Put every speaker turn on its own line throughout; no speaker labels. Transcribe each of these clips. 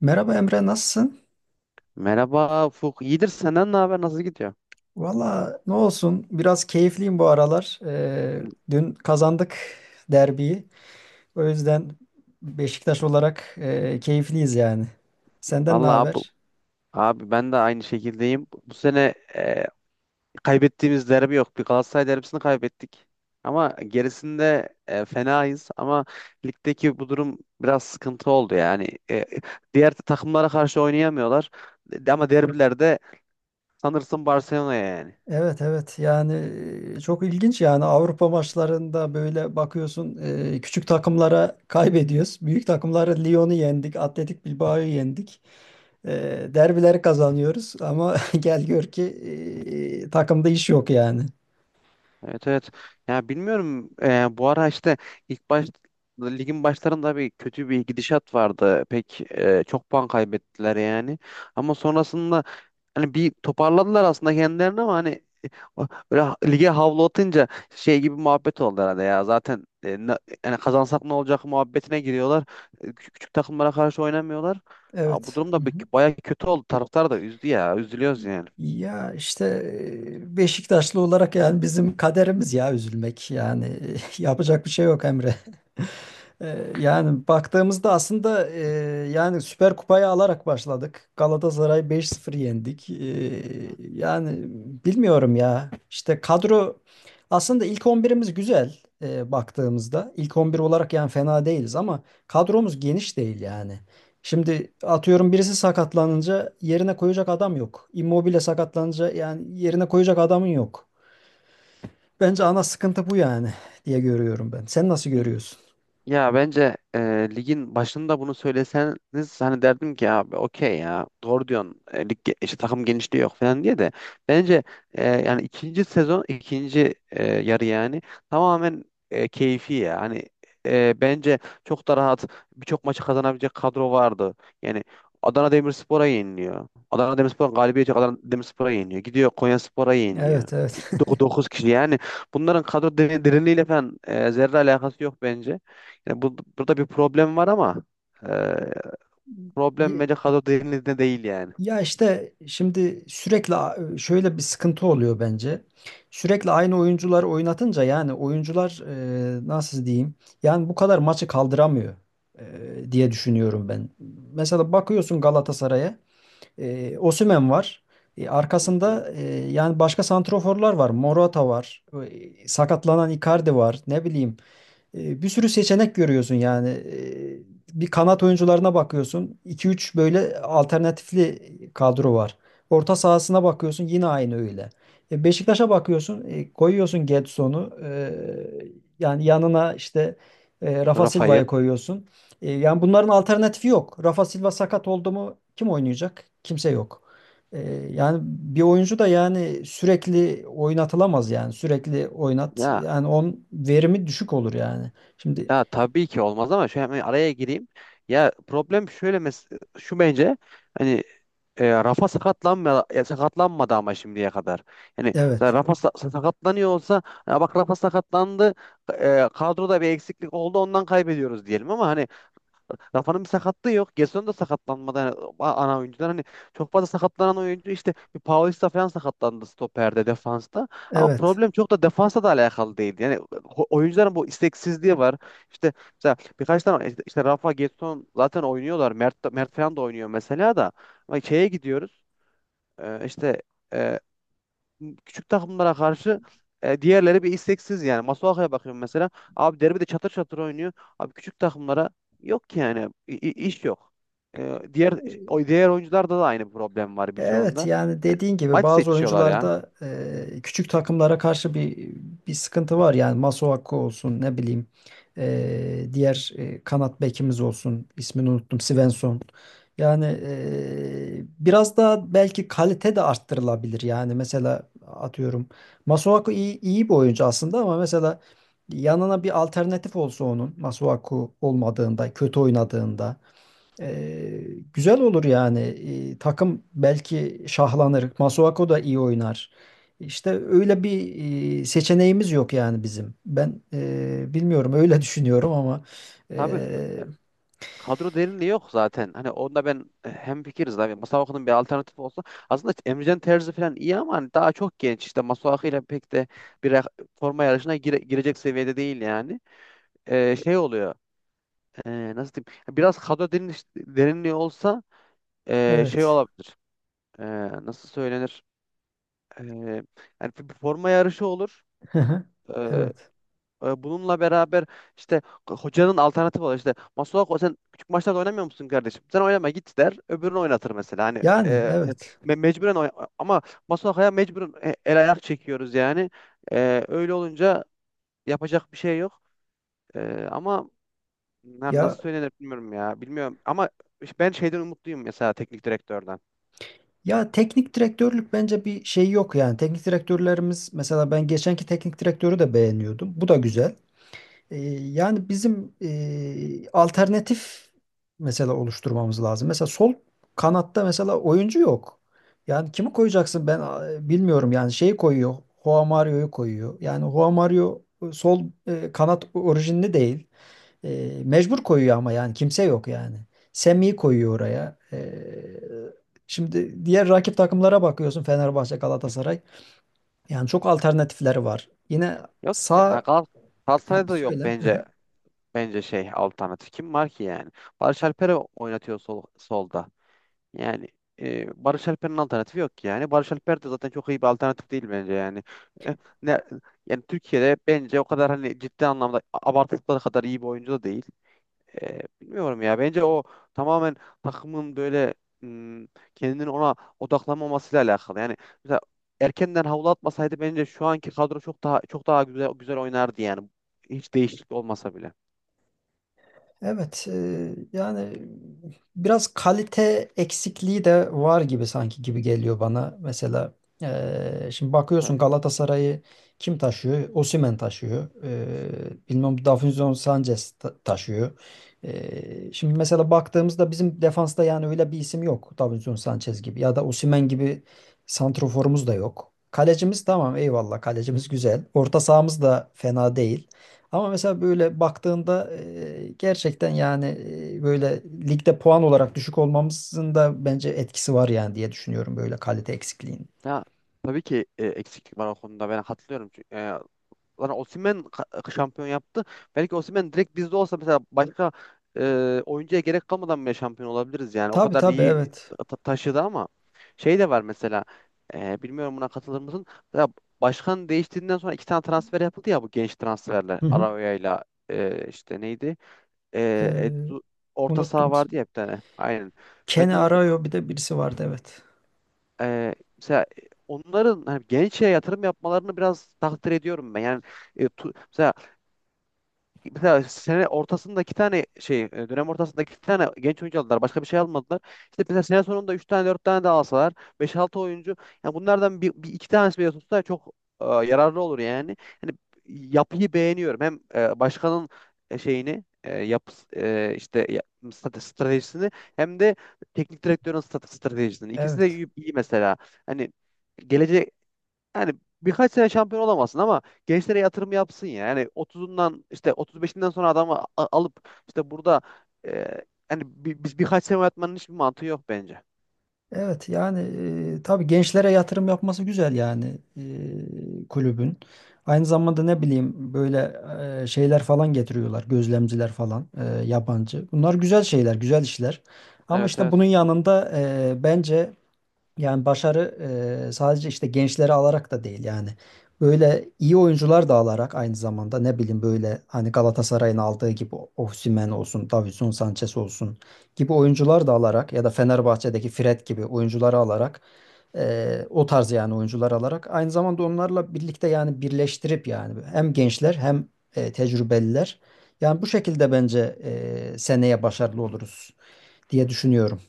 Merhaba Emre, nasılsın?
Merhaba Ufuk. İyidir, senden ne haber? Nasıl gidiyor?
Valla ne olsun, biraz keyifliyim bu aralar. Dün kazandık derbiyi. O yüzden Beşiktaş olarak keyifliyiz yani. Senden ne
Vallahi abi,
haber?
ben de aynı şekildeyim. Bu sene kaybettiğimiz derbi yok. Bir Galatasaray derbisini kaybettik. Ama gerisinde fenayız. Ama ligdeki bu durum biraz sıkıntı oldu yani. Diğer takımlara karşı oynayamıyorlar. Ama derbilerde sanırsın Barcelona'ya yani.
Evet, evet, yani çok ilginç yani. Avrupa maçlarında böyle bakıyorsun, küçük takımlara kaybediyoruz. Büyük takımlara Lyon'u yendik, Atletik Bilbao'yu yendik. E, derbileri kazanıyoruz ama gel gör ki takımda iş yok yani.
Evet, evet. Ya, bilmiyorum, bu ara işte ilk baş ligin başlarında bir kötü bir gidişat vardı. Pek çok puan kaybettiler yani. Ama sonrasında hani bir toparladılar aslında kendilerini, ama hani böyle lige havlu atınca şey gibi muhabbet oldu herhalde ya. Zaten yani kazansak ne olacak muhabbetine giriyorlar. Küçük, küçük takımlara karşı oynamıyorlar. Aa, bu
Evet.
durum da
Hı hı.
baya kötü oldu. Taraftar da üzdü ya. Üzülüyoruz yani.
Ya işte Beşiktaşlı olarak yani bizim kaderimiz ya üzülmek. Yani yapacak bir şey yok Emre. Yani baktığımızda aslında, yani Süper Kupayı alarak başladık. Galatasaray beş sıfır yendik. Yani bilmiyorum ya. İşte kadro aslında ilk 11'imiz güzel, baktığımızda. İlk 11 olarak yani fena değiliz ama kadromuz geniş değil yani. Şimdi atıyorum birisi sakatlanınca yerine koyacak adam yok. Immobile sakatlanınca yani yerine koyacak adamın yok. Bence ana sıkıntı bu yani diye görüyorum ben. Sen nasıl
Hı.
görüyorsun?
Ya, bence ligin başında bunu söyleseniz hani derdim ki abi okey, ya, doğru diyorsun. İşte takım genişliği yok falan diye de bence yani ikinci sezon, ikinci yarı yani tamamen keyfi ya hani bence çok da rahat birçok maçı kazanabilecek kadro vardı yani. Adana Demirspor'a yeniliyor, Adana Demirspor'un galibiyeti, Adana Demirspor'a yeniliyor gidiyor, Konyaspor'a yeniliyor.
Evet, evet.
İşte 9 kişi yani, bunların kadro derinliğiyle falan zerre alakası yok bence. Yani burada bir problem var, ama e, problem
Ye-
bence kadro derinliğinde değil yani.
ya işte şimdi sürekli şöyle bir sıkıntı oluyor bence. Sürekli aynı oyuncuları oynatınca yani oyuncular, nasıl diyeyim? Yani bu kadar maçı kaldıramıyor diye düşünüyorum ben. Mesela bakıyorsun Galatasaray'a, Osimhen var. E,
Hı hı.
arkasında, yani başka santroforlar var. Morata var. E, sakatlanan Icardi var. Ne bileyim, bir sürü seçenek görüyorsun yani. E, bir kanat oyuncularına bakıyorsun. İki üç böyle alternatifli kadro var. Orta sahasına bakıyorsun yine aynı öyle. E, Beşiktaş'a bakıyorsun, koyuyorsun Gedson'u. E, yani yanına işte, Rafa
Rafa'yı.
Silva'yı koyuyorsun. E, yani bunların alternatifi yok. Rafa Silva sakat oldu mu kim oynayacak? Kimse yok. Ee, yani bir oyuncu da yani sürekli oynatılamaz yani sürekli oynat
Ya
yani on verimi düşük olur yani. Şimdi
ya, tabii ki olmaz, ama şöyle hemen araya gireyim. Ya problem şöyle, şu bence hani, Rafa sakatlanmadı ama şimdiye kadar. Yani zaten
evet,
Rafa sakatlanıyor olsa, ya bak, Rafa sakatlandı, kadroda bir eksiklik oldu, ondan kaybediyoruz diyelim, ama hani Rafa'nın bir sakatlığı yok. Gerson da sakatlanmadı. Yani ana oyuncular hani, çok fazla sakatlanan oyuncu işte bir Paulista falan sakatlandı stoperde, defansta. Ama
evet.
problem çok da defansa da alakalı değildi. Yani oyuncuların bu isteksizliği var. İşte mesela birkaç tane işte Rafa, Gerson zaten oynuyorlar. Mert falan da oynuyor mesela da. Ama şeye gidiyoruz. İşte e, küçük takımlara karşı diğerleri bir isteksiz yani. Masuaku'ya bakıyorum mesela. Abi, derbide çatır çatır oynuyor. Abi, küçük takımlara yok ki yani. İş yok. E, diğer Diğer oyuncularda da aynı problem var
E, evet
birçoğunda.
yani
Yani
dediğin gibi
maç
bazı
seçiyorlar ya.
oyuncularda, küçük takımlara karşı bir bir sıkıntı var. Yani Masuaku olsun, ne bileyim, diğer kanat bekimiz olsun, ismini unuttum, Svensson. Yani biraz daha belki kalite de arttırılabilir. Yani mesela atıyorum, Masuaku iyi, iyi bir oyuncu aslında ama mesela yanına bir alternatif olsa, onun Masuaku olmadığında kötü oynadığında, ee, güzel olur yani. Takım belki şahlanır. Masuako da iyi oynar. İşte öyle bir seçeneğimiz yok yani bizim. Ben bilmiyorum, öyle düşünüyorum ama e,
Tabii, kadro derinliği yok zaten. Hani onda ben hemfikiriz abi. Masuaku'nun bir alternatif olsa, aslında Emrecan Terzi falan iyi ama hani daha çok genç. İşte Masuaku ile pek de bir ra- forma yarışına girecek seviyede değil yani. Şey oluyor. Nasıl diyeyim? Biraz kadro derinliği olsa şey
evet.
olabilir. Ee, Nasıl söylenir? Ee, Yani bir forma yarışı olur. e,
Evet.
Bununla beraber işte hocanın alternatifi var. İşte, Masuako, sen küçük maçlarda oynamıyor musun kardeşim? Sen oynama, git der. Öbürünü oynatır mesela. Hani
Yani evet.
mecburen ama Masuako'ya mecburen el ayak çekiyoruz yani. Öyle olunca yapacak bir şey yok. Ama yani nasıl
Ya,
söylenir bilmiyorum ya. Bilmiyorum, ama işte ben şeyden umutluyum, mesela teknik direktörden.
ya teknik direktörlük bence bir şey yok yani. Teknik direktörlerimiz mesela, ben geçenki teknik direktörü de beğeniyordum. Bu da güzel. E, yani bizim alternatif mesela oluşturmamız lazım. Mesela sol kanatta mesela oyuncu yok. Yani kimi koyacaksın ben bilmiyorum. Yani şeyi koyuyor. Joao Mario'yu koyuyor. Yani Joao Mario sol kanat orijinli değil. E, mecbur koyuyor ama yani kimse yok yani. Semih'i koyuyor oraya. E, şimdi diğer rakip takımlara bakıyorsun, Fenerbahçe, Galatasaray. Yani çok alternatifleri var. Yine
Yok ki. Ha,
sağ. Ha,
Galatasaray'da da yok
söyle.
bence bence şey alternatif. Kim var ki yani? Barış Alper'i oynatıyor, solda. Yani Barış Alper'in alternatifi yok yani. Barış Alper de zaten çok iyi bir alternatif değil bence yani. E, ne, Yani Türkiye'de bence o kadar hani, ciddi anlamda abartıldıkları kadar iyi bir oyuncu da değil. Bilmiyorum ya. Bence o tamamen takımın böyle, m, kendini ona odaklanmamasıyla alakalı. Yani mesela erkenden havlu atmasaydı, bence şu anki kadro çok daha güzel güzel oynardı yani. Hiç değişiklik olmasa bile.
Evet, yani biraz kalite eksikliği de var gibi, sanki gibi geliyor bana. Mesela şimdi bakıyorsun
Evet.
Galatasaray'ı kim taşıyor? Osimhen taşıyor. E, bilmem Davinson Sanchez taşıyor. E, şimdi mesela baktığımızda bizim defansta yani öyle bir isim yok. Davinson Sanchez gibi ya da Osimhen gibi santroforumuz da yok. Kalecimiz tamam, eyvallah, kalecimiz güzel. Orta sahamız da fena değil. Ama mesela böyle baktığında gerçekten yani, böyle ligde puan olarak düşük olmamızın da bence etkisi var yani diye düşünüyorum, böyle kalite eksikliğinin.
Ya tabii ki eksiklik var o konuda, ben hatırlıyorum. Yani Osimhen şampiyon yaptı. Belki Osimhen direkt bizde olsa, mesela başka oyuncuya gerek kalmadan bile şampiyon olabiliriz yani. O
Tabii,
kadar
tabii,
iyi
evet.
taşıdı, ama şey de var mesela. Bilmiyorum, buna katılır mısın? Mesela başkan değiştiğinden sonra iki tane transfer yapıldı ya, bu genç transferler.
Hı hı.
Araoya'yla işte neydi? E,
Ee,
Edu- Orta
unuttum.
saha vardı ya, bir tane. Aynen.
Ken
Ben de unuttum.
Arayo bir de birisi vardı, evet.
Mesela onların hani gençlere yatırım yapmalarını biraz takdir ediyorum ben. Yani e, tu- mesela mesela sene ortasında iki tane şey, dönem ortasında iki tane genç oyuncu aldılar. Başka bir şey almadılar. İşte mesela sene sonunda üç tane dört tane de alsalar, beş altı oyuncu, yani bunlardan bir iki tanesi bile tutsa çok yararlı olur yani. Hani yapıyı beğeniyorum. Hem başkanın şeyini, işte stratejisini, hem de teknik direktörün stratejisini. İkisi de
Evet.
iyi, iyi mesela. Hani gelecek, yani birkaç sene şampiyon olamazsın, ama gençlere yatırım yapsın ya. Yani 30'undan işte 35'inden sonra adamı alıp işte burada, e, yani biz birkaç sene oynatmanın hiçbir mantığı yok bence.
Evet yani, tabii gençlere yatırım yapması güzel yani, e, kulübün. Aynı zamanda ne bileyim, böyle şeyler falan getiriyorlar, gözlemciler falan, yabancı. Bunlar güzel şeyler, güzel işler. Ama
Evet,
işte bunun
evet.
yanında bence yani başarı sadece işte gençleri alarak da değil yani. Böyle iyi oyuncular da alarak, aynı zamanda ne bileyim, böyle hani Galatasaray'ın aldığı gibi Osimhen olsun, Davinson Sanchez olsun gibi oyuncular da alarak ya da Fenerbahçe'deki Fred gibi oyuncuları alarak, o tarz yani oyuncular alarak, aynı zamanda onlarla birlikte yani birleştirip yani hem gençler hem tecrübeliler. Yani bu şekilde bence seneye başarılı oluruz diye düşünüyorum.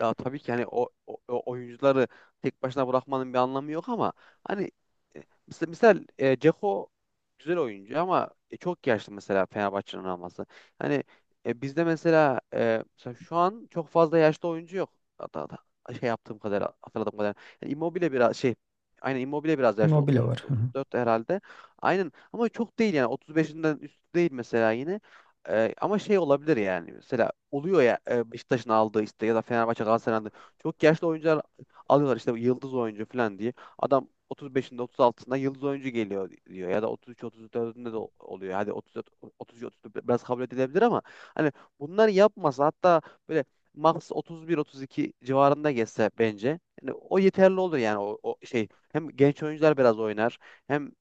Ya tabii ki hani o oyuncuları tek başına bırakmanın bir anlamı yok, ama hani e, mesela Dzeko güzel oyuncu ama çok yaşlı, mesela Fenerbahçe'nin alması. Hani bizde mesela şu an çok fazla yaşlı oyuncu yok. Hatta şey yaptığım kadar, hatırladığım kadar. Yani Immobile biraz şey, aynen, Immobile biraz yaşlı,
Immobile var.
33
Hı hı.
34 herhalde. Aynen ama çok değil yani, 35'inden üstü değil mesela yine. Ama şey olabilir yani, mesela oluyor ya, Beşiktaş'ın aldığı işte, ya da Fenerbahçe, Galatasaray'ın aldığı çok yaşlı oyuncular alıyorlar işte, yıldız oyuncu falan diye. Adam 35'inde 36'sında yıldız oyuncu geliyor diyor, ya da 33-34'ünde de oluyor. Hadi 33-34 biraz kabul edilebilir, ama hani bunları yapmasa, hatta böyle max 31-32 civarında geçse bence yani, o yeterli olur yani, o şey, hem genç oyuncular biraz oynar, hem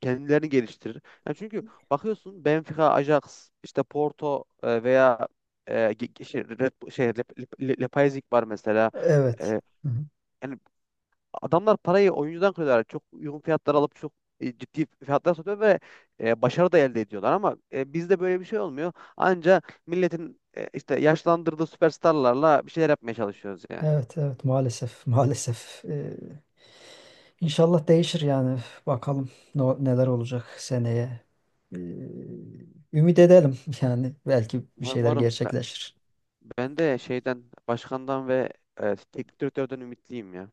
kendilerini geliştirir. Yani çünkü bakıyorsun Benfica, Ajax, işte Porto veya şey, Leipzig var mesela.
Evet.
E,
Hı hı.
Yani adamlar parayı oyuncudan kırıyorlar. Çok uygun fiyatlar alıp çok ciddi fiyatlar satıyor ve başarı da elde ediyorlar, ama bizde böyle bir şey olmuyor. Anca milletin işte yaşlandırdığı süperstarlarla bir şeyler yapmaya çalışıyoruz yani.
Evet, evet, maalesef. Maalesef. İnşallah değişir yani. Bakalım neler olacak seneye. Ee, ümit edelim yani belki bir
Umarım,
şeyler
umarım. Ben,
gerçekleşir.
ben de şeyden, başkandan ve teknik direktörden ümitliyim ya.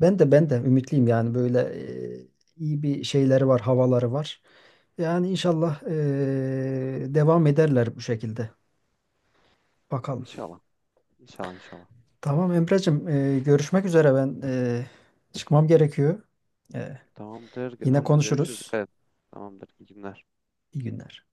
Ben de, ben de ümitliyim yani, böyle e, iyi bir şeyleri var, havaları var. Yani inşallah devam ederler bu şekilde. Bakalım.
İnşallah. İnşallah, inşallah.
Tamam Emre'cim, görüşmek üzere, ben çıkmam gerekiyor. E,
Tamamdır.
yine
Tamamdır. Görüşürüz.
konuşuruz.
Dikkat et. Tamamdır. İyi günler.
İyi günler.